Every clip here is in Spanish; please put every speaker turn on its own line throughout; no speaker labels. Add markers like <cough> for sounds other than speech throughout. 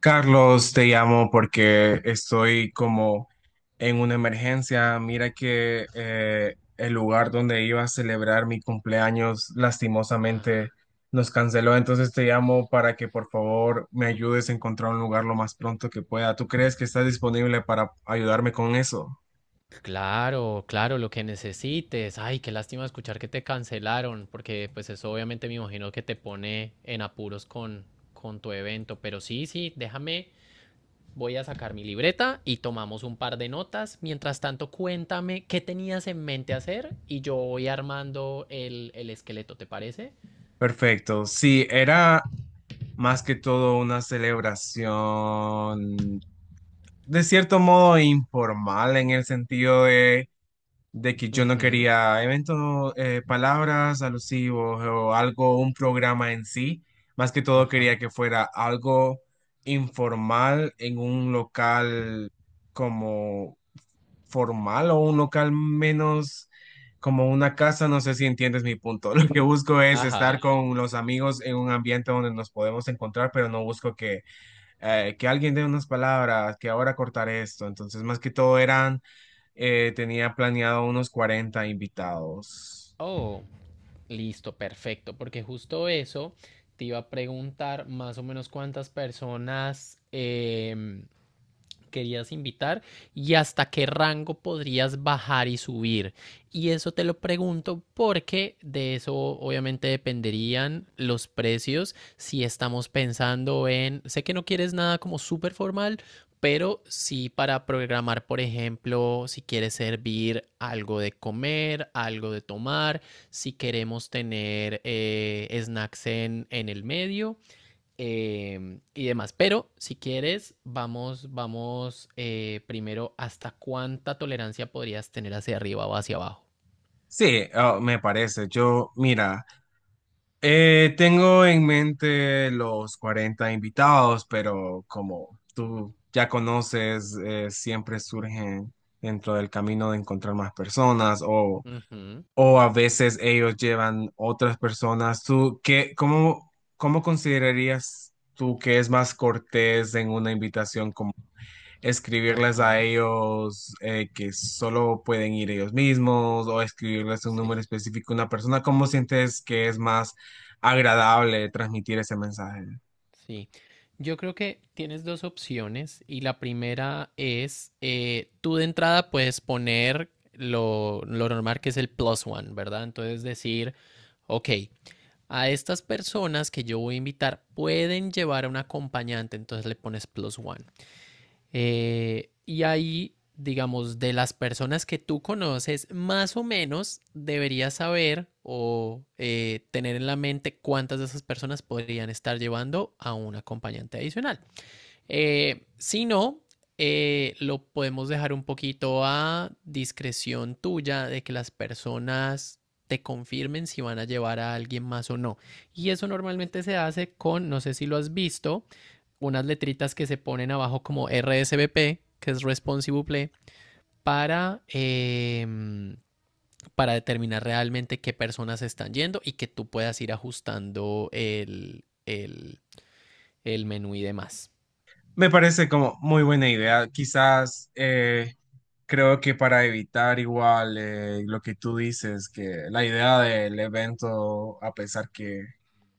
Carlos, te llamo porque estoy como en una emergencia. Mira que el lugar donde iba a celebrar mi cumpleaños
Ah,
lastimosamente nos canceló. Entonces te llamo para que por favor me ayudes a encontrar un lugar lo más pronto que pueda. ¿Tú crees que estás disponible para ayudarme con eso?
claro, claro, lo que necesites. Ay, qué lástima escuchar que te cancelaron, porque pues eso obviamente me imagino que te pone en apuros con tu evento. Pero sí, sí, déjame, voy a sacar mi libreta y tomamos un par de notas. Mientras tanto, cuéntame qué tenías en mente hacer y yo voy armando el esqueleto, ¿te parece?
Perfecto. Sí, era más que todo una celebración de cierto modo informal en el sentido de que yo no
Ujú.
quería eventos, palabras alusivos o algo, un programa en sí. Más que todo
Ajá.
quería que fuera algo informal en un local como formal o un local menos como una casa. No sé si entiendes mi punto. <laughs> Lo que busco es estar
Ajá.
con los amigos en un ambiente donde nos podemos encontrar, pero no busco que alguien dé unas palabras, que ahora cortar esto. Entonces, más que todo eran, tenía planeado unos 40 invitados.
Oh. Listo, perfecto, porque justo eso te iba a preguntar más o menos cuántas personas querías invitar y hasta qué rango podrías bajar y subir. Y eso te lo pregunto porque de eso obviamente dependerían los precios si estamos pensando en, sé que no quieres nada como súper formal, pero sí para programar, por ejemplo, si quieres servir algo de comer, algo de tomar, si queremos tener snacks en el medio, y demás. Pero si quieres, vamos, vamos, primero hasta cuánta tolerancia podrías tener hacia arriba o hacia abajo.
Sí, ah, me parece. Yo, mira, tengo en mente los 40 invitados, pero como tú ya conoces, siempre surgen dentro del camino de encontrar más personas o
Ujú.
o a veces ellos llevan otras personas. ¿Tú qué, cómo, cómo considerarías tú que es más cortés en una invitación, como escribirles a
Ajá,
ellos que solo pueden ir ellos mismos o escribirles un
sí,
número específico a una persona? ¿Cómo sientes que es más agradable transmitir ese mensaje?
sí. Yo creo que tienes dos opciones y la primera es, tú de entrada puedes poner lo normal que es el plus one, ¿verdad? Entonces decir, ok, a estas personas que yo voy a invitar pueden llevar a un acompañante, entonces le pones plus one. Y ahí, digamos, de las personas que tú conoces, más o menos deberías saber o tener en la mente cuántas de esas personas podrían estar llevando a un acompañante adicional. Si no, lo podemos dejar un poquito a discreción tuya de que las personas te confirmen si van a llevar a alguien más o no. Y eso normalmente se hace con, no sé si lo has visto, unas letritas que se ponen abajo como RSVP, que es Responsive Play, para, eh, para determinar realmente qué personas están yendo y que tú puedas ir ajustando el menú y demás.
Me parece como muy buena idea. Quizás creo que para evitar igual lo que tú dices, que la idea del evento, a pesar que,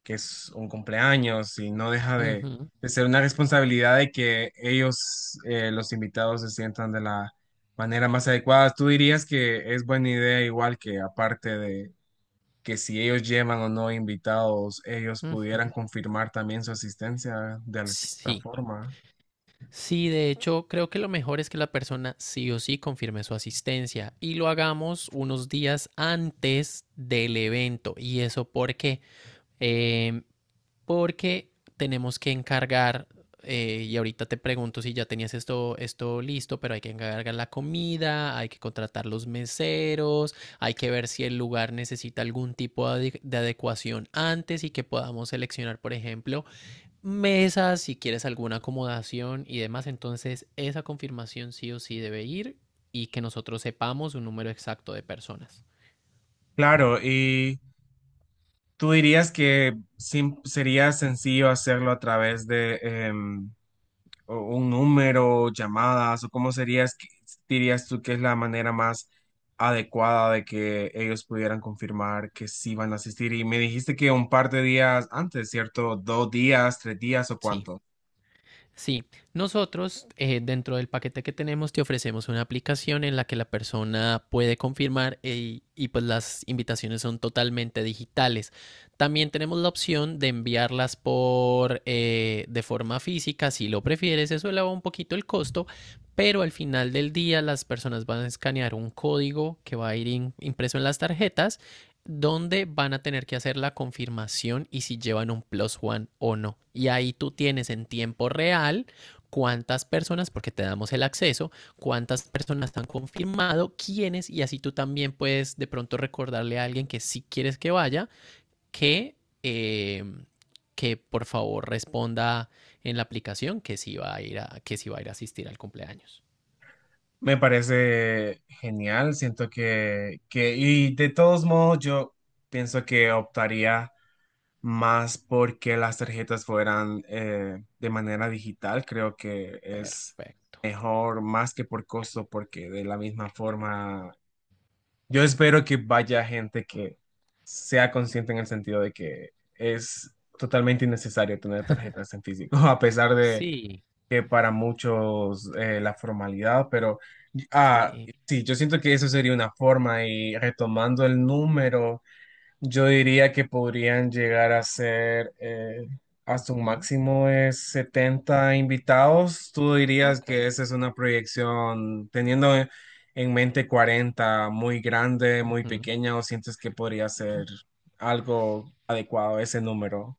que es un cumpleaños y no deja de,
Ujú,
de ser una responsabilidad de que ellos, los invitados, se sientan de la manera más adecuada, tú dirías que es buena idea igual que aparte de que si ellos llevan o no invitados, ellos
ujú.
pudieran confirmar también su asistencia de alguna
Sí.
forma.
Sí, de hecho, creo que lo mejor es que la persona sí o sí confirme su asistencia y lo hagamos unos días antes del evento. ¿Y eso porque porque tenemos que encargar, y ahorita te pregunto si ya tenías esto listo, pero hay que encargar la comida, hay que contratar los meseros, hay que ver si el lugar necesita algún tipo de adecuación antes y que podamos seleccionar, por ejemplo, mesas, si quieres alguna acomodación y demás. Entonces, esa confirmación sí o sí debe ir y que nosotros sepamos un número exacto de personas.
Claro, y tú dirías que sería sencillo hacerlo a través de em, un número, llamadas, o cómo serías, dirías tú que es la manera más adecuada de que ellos pudieran confirmar que sí van a asistir. Y me dijiste que un par de días antes, ¿cierto? Dos días, tres días o
Sí.
cuánto.
Sí, nosotros, dentro del paquete que tenemos te ofrecemos una aplicación en la que la persona puede confirmar y pues las invitaciones son totalmente digitales. También tenemos la opción de enviarlas por de forma física, si lo prefieres, eso eleva un poquito el costo, pero al final del día las personas van a escanear un código que va a ir impreso en las tarjetas donde van a tener que hacer la confirmación y si llevan un plus one o no. Y ahí tú tienes en tiempo real cuántas personas, porque te damos el acceso, cuántas personas han confirmado, quiénes, y así tú también puedes de pronto recordarle a alguien que sí quieres que vaya, que, eh, que por favor responda en la aplicación que sí va a ir a, que sí va a ir a asistir al cumpleaños.
Me parece genial, siento que, y de todos modos yo pienso que optaría más porque las tarjetas fueran de manera digital, creo que es
Perfecto.
mejor más que por costo, porque de la misma forma, yo espero que vaya gente que sea consciente en el sentido de que es totalmente innecesario tener tarjetas en físico, <laughs> a pesar de
Sí,
que para muchos la formalidad, pero ah,
sí.
sí, yo siento que eso sería una forma y retomando el número. Yo diría que podrían llegar a ser hasta un
Ujú.
máximo de 70 invitados. ¿Tú dirías que
Ok.
esa es una proyección teniendo en mente 40 muy grande, muy
Ujú.
pequeña, o sientes que podría ser algo adecuado ese número?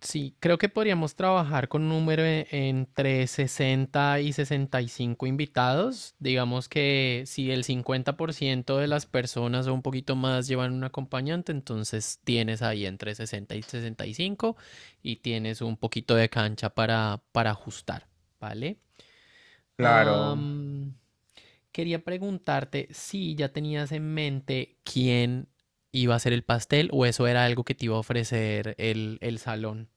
Sí, creo que podríamos trabajar con un número entre 60 y 65 invitados. Digamos que si el 50% de las personas o un poquito más llevan un acompañante, entonces tienes ahí entre 60 y 65 y cinco y tienes un poquito de cancha para ajustar, ¿vale?
Claro,
Am, quería preguntarte si ya tenías en mente quién iba a hacer el pastel o eso era algo que te iba a ofrecer el salón.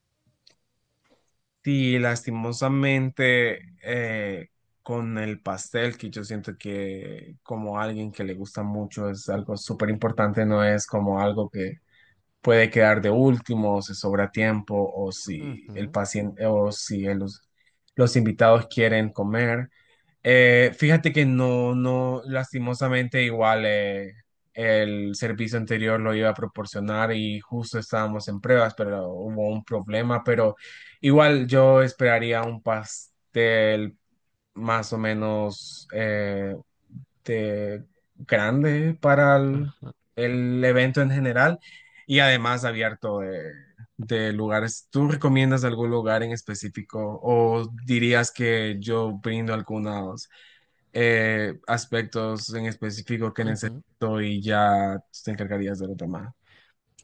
sí, lastimosamente con el pastel, que yo siento que como alguien que le gusta mucho es algo súper importante, no es como algo que puede quedar de último, o se sobra tiempo, o si el
Ujú.
paciente, o si los invitados quieren comer. Fíjate que no, no, lastimosamente igual el servicio anterior lo iba a proporcionar y justo estábamos en pruebas, pero hubo un problema, pero igual yo esperaría un pastel más o menos este, grande para
Ajá,
el evento en general y además abierto de lugares. ¿Tú recomiendas algún lugar en específico o dirías que yo brindo algunos aspectos en específico que
ujú.
necesito y ya te encargarías de lo demás?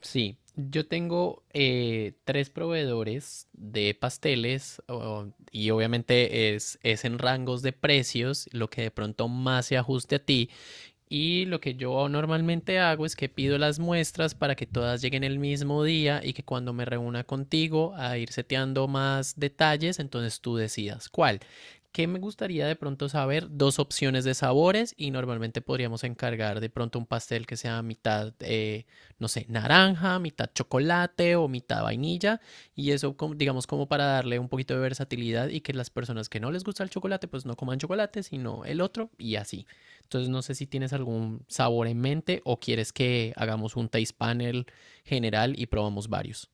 Sí, yo tengo, tres proveedores de pasteles y obviamente es en rangos de precios lo que de pronto más se ajuste a ti. Y lo que yo normalmente hago es que pido las muestras para que todas lleguen el mismo día y que cuando me reúna contigo a ir seteando más detalles, entonces tú decidas cuál. ¿Qué me gustaría de pronto saber? Dos opciones de sabores y normalmente podríamos encargar de pronto un pastel que sea mitad, no sé, naranja, mitad chocolate o mitad vainilla, y eso digamos como para darle un poquito de versatilidad y que las personas que no les gusta el chocolate pues no coman chocolate sino el otro y así. Entonces no sé si tienes algún sabor en mente o quieres que hagamos un taste panel general y probamos varios.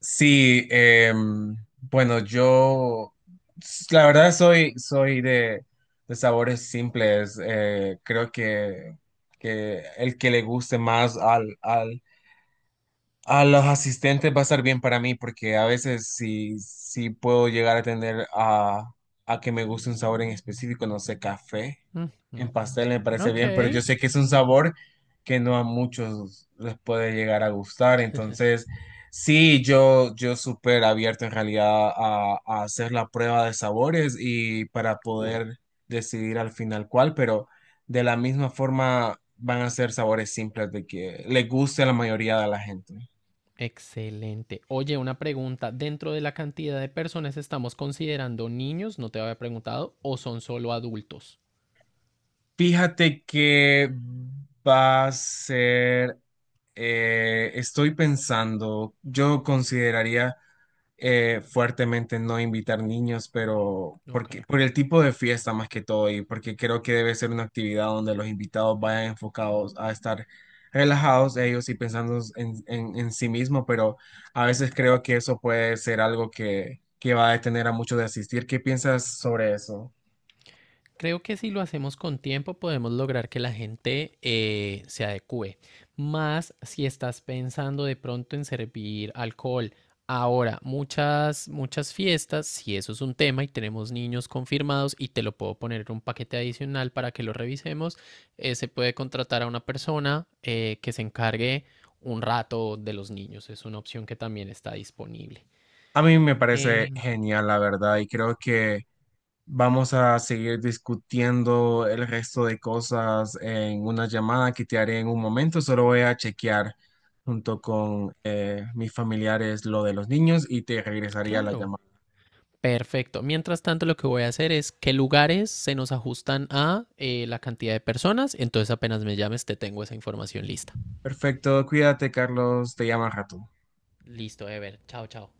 Sí, em, bueno, yo la verdad soy de sabores simples. Eh, creo que el que le guste más al a los asistentes va a estar bien para mí porque a veces sí, sí puedo llegar a tener a que me guste un sabor en específico, no sé, café
Ujú.
en pastel me parece
Ok,
bien, pero yo sé que es un sabor que no a muchos les puede llegar a gustar, entonces sí, yo súper abierto en realidad a hacer la prueba de sabores y para
cool.
poder decidir al final cuál, pero de la misma forma van a ser sabores simples de que le guste a la mayoría de la gente.
Excelente. Oye, una pregunta. Dentro de la cantidad de personas estamos considerando niños, no te había preguntado, o son solo adultos.
Fíjate que va a ser, estoy pensando, yo consideraría fuertemente no invitar niños, pero
Ok.
porque, por el tipo de fiesta más que todo y porque creo que debe ser una actividad donde los invitados vayan enfocados a estar relajados ellos y pensando en, en sí mismo, pero a veces creo que eso puede ser algo que va a detener a muchos de asistir. ¿Qué piensas sobre eso?
Creo que si lo hacemos con tiempo podemos lograr que la gente se adecue. Más si estás pensando de pronto en servir alcohol. Ahora, muchas, muchas fiestas, si eso es un tema y tenemos niños confirmados y te lo puedo poner en un paquete adicional para que lo revisemos, se puede contratar a una persona que se encargue un rato de los niños. Es una opción que también está disponible.
A mí me parece
Em,
genial, la verdad, y creo que vamos a seguir discutiendo el resto de cosas en una llamada que te haré en un momento. Solo voy a chequear junto con mis familiares lo de los niños y te regresaría la
claro.
llamada.
Perfecto. Mientras tanto, lo que voy a hacer es qué lugares se nos ajustan a la cantidad de personas. Entonces, apenas me llames, te tengo esa información lista.
Perfecto, cuídate, Carlos, te llamo al rato.
Listo, Ever. Chao, chao.